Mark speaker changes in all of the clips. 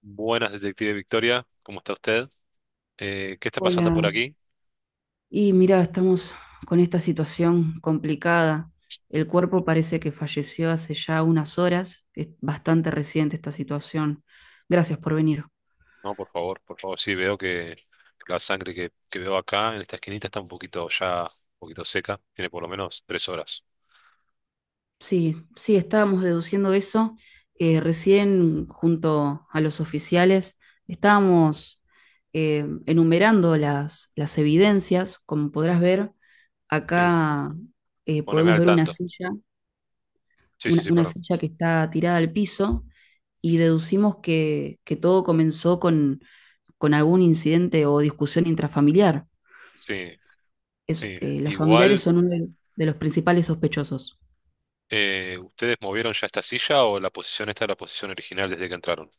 Speaker 1: Buenas, detective Victoria, ¿cómo está usted? ¿Qué está pasando
Speaker 2: Hola,
Speaker 1: por aquí?
Speaker 2: y mira, estamos con esta situación complicada. El cuerpo parece que falleció hace ya unas horas. Es bastante reciente esta situación. Gracias por venir.
Speaker 1: No, por favor, sí, veo que la sangre que veo acá en esta esquinita está un poquito ya, un poquito seca, tiene por lo menos 3 horas.
Speaker 2: Sí, sí, estábamos deduciendo eso. Recién, junto a los oficiales, estábamos enumerando las evidencias. Como podrás ver,
Speaker 1: Sí,
Speaker 2: acá
Speaker 1: poneme
Speaker 2: podemos
Speaker 1: al
Speaker 2: ver una
Speaker 1: tanto.
Speaker 2: silla.
Speaker 1: Sí, sí,
Speaker 2: una,
Speaker 1: sí,
Speaker 2: una
Speaker 1: perdón.
Speaker 2: silla que está tirada al piso y deducimos que todo comenzó con algún incidente o discusión intrafamiliar.
Speaker 1: Sí, sí.
Speaker 2: Los familiares
Speaker 1: Igual,
Speaker 2: son uno de los principales sospechosos.
Speaker 1: ¿ustedes movieron ya esta silla o la posición esta es la posición original desde que entraron?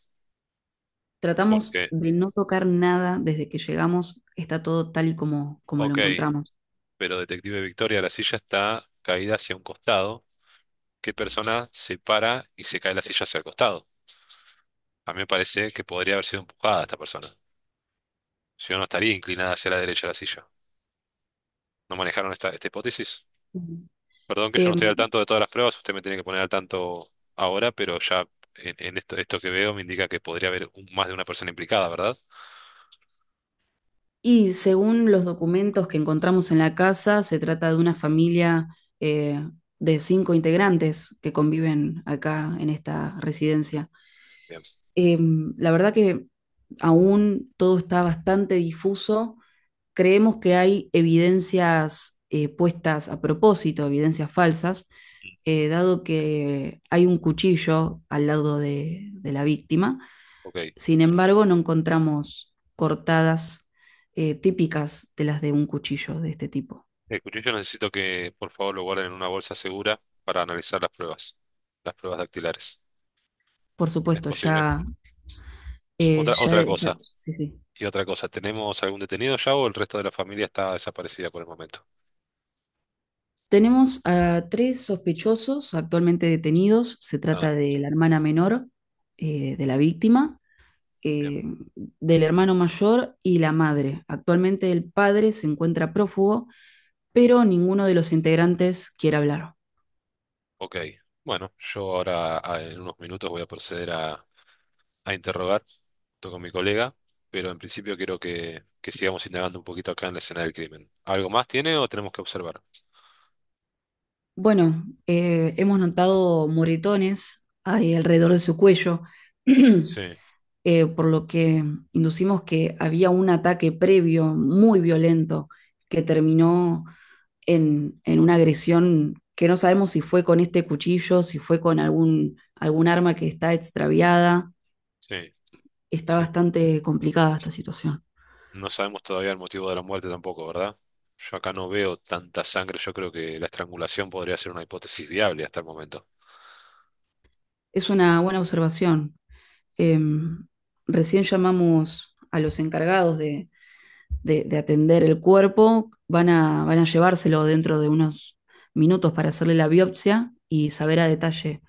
Speaker 2: Tratamos
Speaker 1: Porque,
Speaker 2: de no tocar nada desde que llegamos, está todo tal y como, como lo
Speaker 1: ok,
Speaker 2: encontramos.
Speaker 1: pero detective Victoria, la silla está caída hacia un costado. ¿Qué persona se para y se cae la silla hacia el costado? A mí me parece que podría haber sido empujada esta persona. Si no, no estaría inclinada hacia la derecha de la silla. ¿No manejaron esta hipótesis?
Speaker 2: Ujú.
Speaker 1: Perdón que yo no estoy al
Speaker 2: Em,
Speaker 1: tanto de todas las pruebas, usted me tiene que poner al tanto ahora, pero ya en, en esto que veo me indica que podría haber más de una persona implicada, ¿verdad?
Speaker 2: y según los documentos que encontramos en la casa, se trata de una familia eh, de cinco integrantes que conviven acá en esta residencia.
Speaker 1: Bien,
Speaker 2: La verdad que aún todo está bastante difuso. Creemos que hay evidencias puestas a propósito, evidencias falsas, dado que hay un cuchillo al lado de la víctima.
Speaker 1: ok.
Speaker 2: Sin embargo, no encontramos cortadas típicas de las de un cuchillo de este tipo.
Speaker 1: El cuchillo necesito que por favor lo guarden en una bolsa segura para analizar las pruebas dactilares.
Speaker 2: Por
Speaker 1: ¿Es
Speaker 2: supuesto,
Speaker 1: posible?
Speaker 2: ya, eh,
Speaker 1: Otra
Speaker 2: ya, ya-
Speaker 1: cosa.
Speaker 2: sí, sí.
Speaker 1: Y otra cosa, ¿tenemos algún detenido ya o el resto de la familia está desaparecida por el momento?
Speaker 2: Tenemos a tres sospechosos actualmente detenidos. Se
Speaker 1: Ah,
Speaker 2: trata de la hermana menor de la víctima,
Speaker 1: bien.
Speaker 2: eh, del hermano mayor y la madre. Actualmente el padre se encuentra prófugo, pero ninguno de los integrantes quiere hablar.
Speaker 1: Ok. Bueno, yo ahora en unos minutos voy a proceder a interrogar junto con mi colega, pero en principio quiero que sigamos indagando un poquito acá en la escena del crimen. ¿Algo más tiene o tenemos que observar?
Speaker 2: Bueno, hemos notado moretones ahí alrededor de su cuello,
Speaker 1: Sí,
Speaker 2: por lo que inducimos que había un ataque previo muy violento que terminó en una agresión que no sabemos si fue con este cuchillo, si fue con algún arma que está extraviada.
Speaker 1: sí,
Speaker 2: Está
Speaker 1: sí.
Speaker 2: bastante complicada esta situación.
Speaker 1: No sabemos todavía el motivo de la muerte tampoco, ¿verdad? Yo acá no veo tanta sangre, yo creo que la estrangulación podría ser una hipótesis viable hasta el momento.
Speaker 2: Es una buena observación. Eh, Recién llamamos a los encargados de atender el cuerpo. Van a llevárselo dentro de unos minutos para hacerle la biopsia y saber a detalle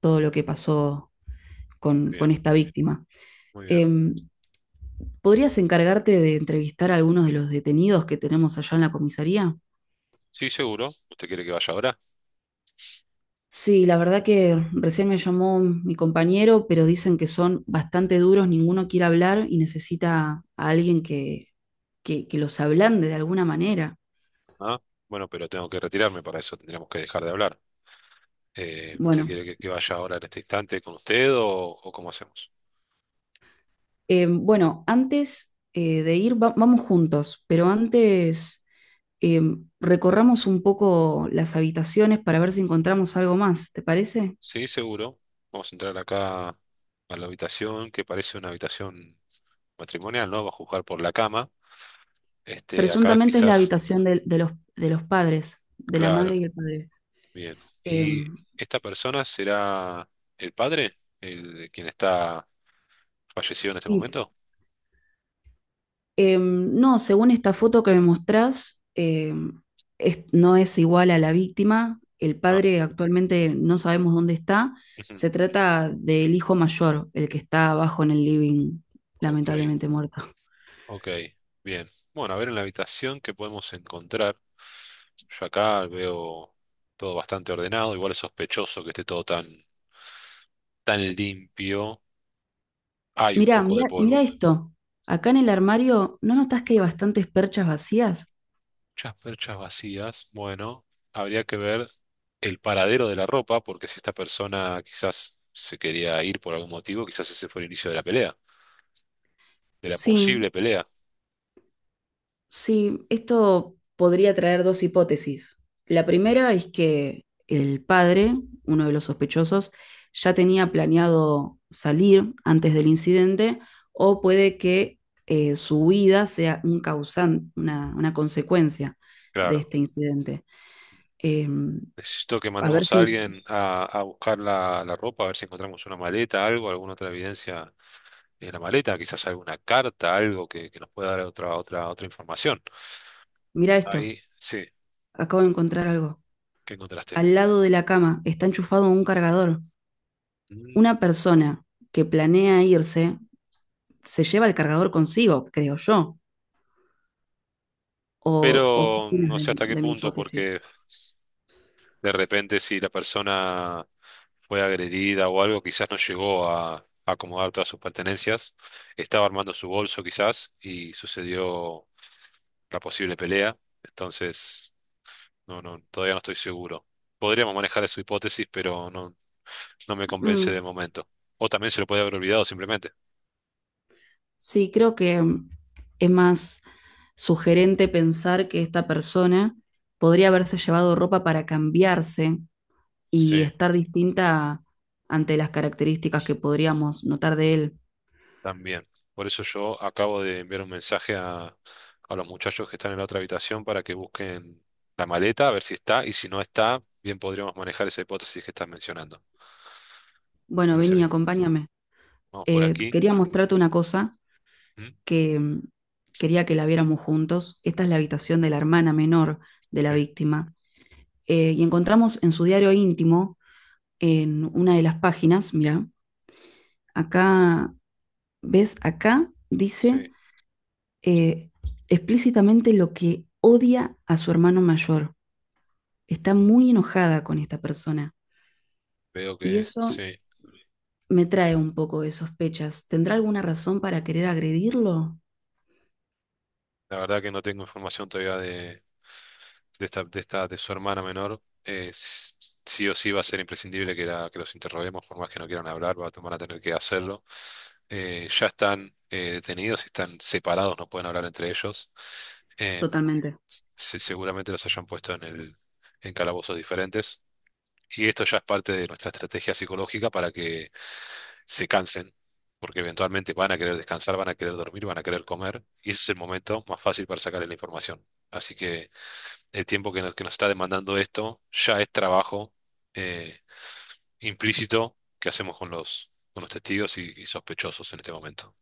Speaker 2: todo lo que pasó con
Speaker 1: Bien,
Speaker 2: esta víctima.
Speaker 1: muy bien.
Speaker 2: Eh, ¿Podrías encargarte de entrevistar a algunos de los detenidos que tenemos allá en la comisaría?
Speaker 1: Sí, seguro. ¿Usted quiere que vaya ahora?
Speaker 2: Sí, la verdad que recién me llamó mi compañero, pero dicen que son bastante duros, ninguno quiere hablar y necesita a alguien que los ablande de alguna manera.
Speaker 1: Ah, bueno, pero tengo que retirarme, para eso tendríamos que dejar de hablar. ¿Usted
Speaker 2: Bueno,
Speaker 1: quiere que vaya ahora en este instante con usted o cómo hacemos?
Speaker 2: bueno, antes de ir, vamos juntos, pero antes eh, recorramos un poco las habitaciones para ver si encontramos algo más, ¿te parece?
Speaker 1: Sí, seguro. Vamos a entrar acá a la habitación, que parece una habitación matrimonial, ¿no? Va a juzgar por la cama. Este, acá
Speaker 2: Presuntamente es la
Speaker 1: quizás,
Speaker 2: habitación de los padres, de la madre
Speaker 1: claro,
Speaker 2: y el padre.
Speaker 1: bien.
Speaker 2: Eh,
Speaker 1: ¿Y esta persona será el padre? ¿El quien está fallecido en este
Speaker 2: y,
Speaker 1: momento?
Speaker 2: no, según esta foto que me mostrás, no es igual a la víctima. El
Speaker 1: Ah,
Speaker 2: padre actualmente no sabemos dónde está.
Speaker 1: ujú,
Speaker 2: Se trata del hijo mayor, el que está abajo en el living,
Speaker 1: ok.
Speaker 2: lamentablemente muerto.
Speaker 1: Ok, bien. Bueno, a ver en la habitación qué podemos encontrar. Yo acá veo todo bastante ordenado, igual es sospechoso que esté todo tan, tan limpio. Hay un
Speaker 2: Mirá,
Speaker 1: poco de
Speaker 2: mirá, mirá
Speaker 1: polvo.
Speaker 2: esto. Acá en el armario, ¿no notas que hay bastantes perchas vacías?
Speaker 1: Muchas perchas vacías. Bueno, habría que ver el paradero de la ropa, porque si esta persona quizás se quería ir por algún motivo, quizás ese fue el inicio de la pelea, de la
Speaker 2: Sí,
Speaker 1: posible pelea.
Speaker 2: sí, esto podría traer dos hipótesis. La primera es que el padre, uno de los sospechosos, ya tenía planeado salir antes del incidente o puede que su huida sea un causante, una consecuencia de
Speaker 1: Claro.
Speaker 2: este incidente. Eh,
Speaker 1: Necesito que
Speaker 2: a ver
Speaker 1: mandemos a
Speaker 2: si...
Speaker 1: alguien a buscar la, la ropa, a ver si encontramos una maleta, algo, alguna otra evidencia en la maleta, quizás alguna carta, algo que nos pueda dar otra, otra, otra información.
Speaker 2: Mira esto,
Speaker 1: Ahí, sí,
Speaker 2: acabo de encontrar algo.
Speaker 1: ¿qué encontraste?
Speaker 2: Al lado de la cama está enchufado un cargador.
Speaker 1: Mm,
Speaker 2: Una persona que planea irse se lleva el cargador consigo, creo yo. ¿ O qué
Speaker 1: pero
Speaker 2: opinas
Speaker 1: no sé hasta qué
Speaker 2: de mi
Speaker 1: punto,
Speaker 2: hipótesis?
Speaker 1: porque de repente si la persona fue agredida o algo, quizás no llegó a acomodar todas sus pertenencias, estaba armando su bolso quizás y sucedió la posible pelea, entonces no, no, todavía no estoy seguro. Podríamos manejar su hipótesis, pero no, no me convence
Speaker 2: Mm,
Speaker 1: de momento. O también se lo puede haber olvidado simplemente.
Speaker 2: sí, creo que mm, es más sugerente pensar que esta persona podría haberse llevado ropa para cambiarse y
Speaker 1: Sí.
Speaker 2: estar distinta ante las características que podríamos notar de él.
Speaker 1: También. Por eso yo acabo de enviar un mensaje a los muchachos que están en la otra habitación para que busquen la maleta, a ver si está, y si no está, bien podríamos manejar esa hipótesis que estás mencionando.
Speaker 2: Bueno,
Speaker 1: Parece
Speaker 2: vení,
Speaker 1: bien.
Speaker 2: acompáñame.
Speaker 1: Vamos por aquí.
Speaker 2: Quería mostrarte una cosa
Speaker 1: ¿Mm?
Speaker 2: que mm, quería que la viéramos juntos. Esta es la habitación de la hermana menor de la
Speaker 1: Sí.
Speaker 2: víctima. Y encontramos en su diario íntimo, en una de las páginas, mira. Acá, ¿ves? Acá dice
Speaker 1: Sí,
Speaker 2: eh, explícitamente lo que odia a su hermano mayor. Está muy enojada con esta persona.
Speaker 1: veo
Speaker 2: Y
Speaker 1: que
Speaker 2: eso
Speaker 1: sí.
Speaker 2: me trae un poco de sospechas. ¿Tendrá alguna razón para querer agredirlo?
Speaker 1: La verdad que no tengo información todavía de... de su hermana menor, sí o sí va a ser imprescindible que, que los interroguemos, por más que no quieran hablar, van a tener que hacerlo. Ya están detenidos, están separados, no pueden hablar entre ellos. Eh,
Speaker 2: Totalmente.
Speaker 1: Seguramente los hayan puesto en calabozos diferentes. Y esto ya es parte de nuestra estrategia psicológica para que se cansen, porque eventualmente van a querer descansar, van a querer dormir, van a querer comer, y ese es el momento más fácil para sacarle la información. Así que el tiempo que nos está demandando esto ya es trabajo eh, implícito que hacemos con los testigos y sospechosos en este momento.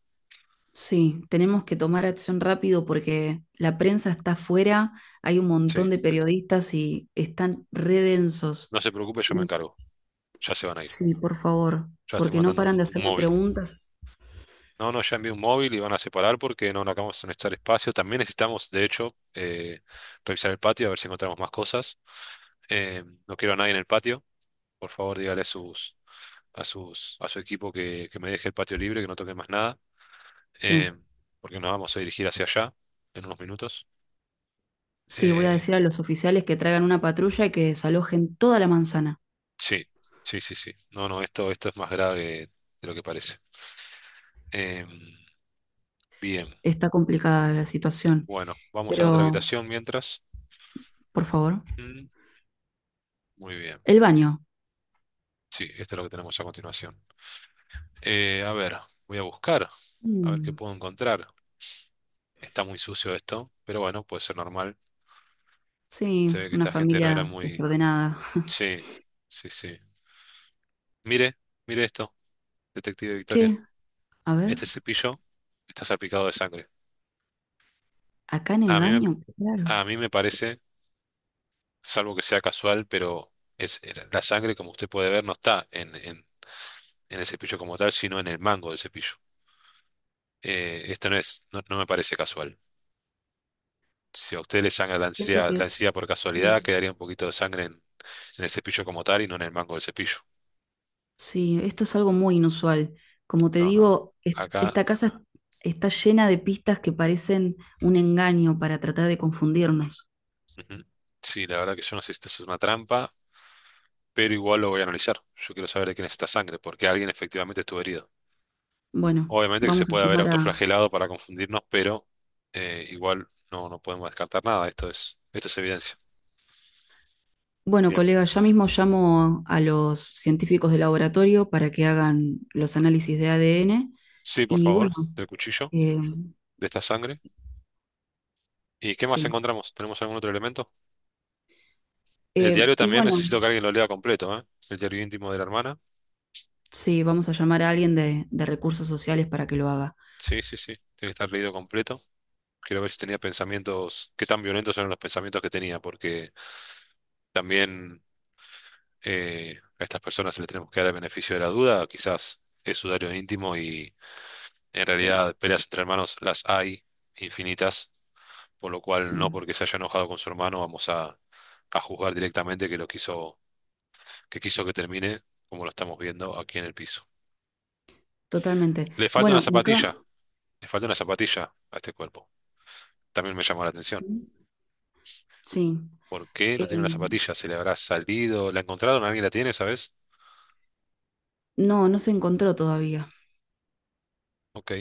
Speaker 2: Sí, tenemos que tomar acción rápido porque la prensa está afuera, hay un
Speaker 1: Sí,
Speaker 2: montón de periodistas y están redensos.
Speaker 1: no se preocupe, yo me encargo. Ya se van a ir.
Speaker 2: Sí, por favor,
Speaker 1: Ya estoy
Speaker 2: porque no
Speaker 1: mandando un,
Speaker 2: paran de
Speaker 1: un
Speaker 2: hacerme
Speaker 1: móvil.
Speaker 2: preguntas.
Speaker 1: No, no, ya envié un móvil y van a separar porque no, no acabamos de necesitar espacio. También necesitamos, de hecho, revisar el patio a ver si encontramos más cosas. No quiero a nadie en el patio. Por favor, dígale a su equipo que me deje el patio libre, que no toque más nada.
Speaker 2: Sí.
Speaker 1: eh, porque nos vamos a dirigir hacia allá en unos minutos.
Speaker 2: Sí, voy a
Speaker 1: Eh,
Speaker 2: decir a los oficiales que traigan una patrulla y que desalojen toda la manzana.
Speaker 1: sí, sí, sí, sí. No, no, esto es más grave de lo que parece. Em, bien,
Speaker 2: Está complicada la situación,
Speaker 1: bueno, vamos a la otra
Speaker 2: pero
Speaker 1: habitación mientras.
Speaker 2: por favor,
Speaker 1: Mm, muy bien.
Speaker 2: el baño.
Speaker 1: Sí, esto es lo que tenemos a continuación. A ver, voy a buscar, a ver qué
Speaker 2: Mm,
Speaker 1: puedo encontrar. Está muy sucio esto, pero bueno, puede ser normal. Se
Speaker 2: sí,
Speaker 1: ve que
Speaker 2: una
Speaker 1: esta gente no era
Speaker 2: familia
Speaker 1: muy...
Speaker 2: desordenada.
Speaker 1: Sí, sí, sí. Mire, mire esto, detective Victoria.
Speaker 2: ¿Qué? A ver,
Speaker 1: Este cepillo está salpicado de sangre.
Speaker 2: acá en
Speaker 1: A
Speaker 2: el
Speaker 1: mí me,
Speaker 2: baño, claro.
Speaker 1: a mí me parece, salvo que sea casual, pero es, la sangre, como usted puede ver, no está en el cepillo como tal, sino en el mango del cepillo. Esto no es, no me parece casual. Si a usted le sangra
Speaker 2: Siento que
Speaker 1: la
Speaker 2: es.
Speaker 1: encía por
Speaker 2: Sí.
Speaker 1: casualidad, quedaría un poquito de sangre en el cepillo como tal y no en el mango del cepillo.
Speaker 2: Sí, esto es algo muy inusual. Como te
Speaker 1: No, no, no.
Speaker 2: digo,
Speaker 1: Acá,
Speaker 2: esta casa está llena de pistas que parecen un engaño para tratar de confundirnos.
Speaker 1: ujú. Sí, la verdad que yo no sé si esto es una trampa, pero igual lo voy a analizar. Yo quiero saber de quién es esta sangre, porque alguien efectivamente estuvo herido.
Speaker 2: Bueno,
Speaker 1: Obviamente que se
Speaker 2: vamos a
Speaker 1: puede haber
Speaker 2: llamar a...
Speaker 1: autoflagelado para confundirnos, pero igual no, no podemos descartar nada. Esto es evidencia.
Speaker 2: Bueno,
Speaker 1: Bien.
Speaker 2: colega, ya mismo llamo a los científicos de laboratorio para que hagan los análisis de ADN.
Speaker 1: Sí, por
Speaker 2: Y bueno,
Speaker 1: favor, del cuchillo,
Speaker 2: eh,
Speaker 1: de esta sangre. ¿Y qué más
Speaker 2: sí.
Speaker 1: encontramos? ¿Tenemos algún otro elemento? El
Speaker 2: Eh,
Speaker 1: diario
Speaker 2: y
Speaker 1: también
Speaker 2: bueno,
Speaker 1: necesito que alguien lo lea completo, ¿eh? El diario íntimo de la hermana.
Speaker 2: sí, vamos a llamar a alguien de recursos sociales para que lo haga.
Speaker 1: Sí, sí, sí. Tiene que estar leído completo. Quiero ver si tenía pensamientos, qué tan violentos eran los pensamientos que tenía, porque también a estas personas le tenemos que dar el beneficio de la duda. Quizás es su diario íntimo y en
Speaker 2: Sí,
Speaker 1: realidad, peleas entre hermanos las hay infinitas, por lo cual no
Speaker 2: sí,
Speaker 1: porque se haya enojado con su hermano vamos a juzgar directamente que lo quiso que termine, como lo estamos viendo aquí en el piso.
Speaker 2: totalmente.
Speaker 1: Le falta una
Speaker 2: Bueno, me acaban.
Speaker 1: zapatilla, le falta una zapatilla a este cuerpo. También me llamó la atención.
Speaker 2: Sí, sí.
Speaker 1: ¿Por qué no
Speaker 2: Eh,
Speaker 1: tiene una zapatilla? ¿Se le habrá salido? ¿La encontraron? ¿Alguien la tiene, sabes?
Speaker 2: no, no se encontró todavía.
Speaker 1: Ok,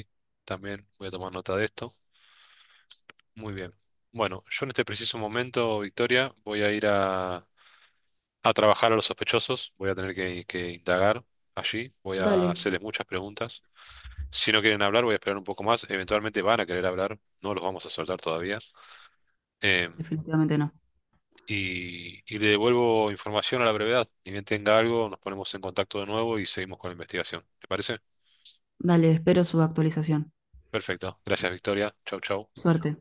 Speaker 1: también voy a tomar nota de esto. Muy bien. Bueno, yo en este preciso momento, Victoria, voy a ir a trabajar a los sospechosos, voy a tener que indagar allí, voy a
Speaker 2: Dale,
Speaker 1: hacerles muchas preguntas. Si no quieren hablar, voy a esperar un poco más. Eventualmente van a querer hablar, no los vamos a soltar todavía. Eh,
Speaker 2: definitivamente no.
Speaker 1: y le devuelvo información a la brevedad. Ni bien tenga algo, nos ponemos en contacto de nuevo y seguimos con la investigación. ¿Te parece?
Speaker 2: Dale, espero su actualización.
Speaker 1: Perfecto. Gracias, Victoria. Chau, chau.
Speaker 2: Suerte.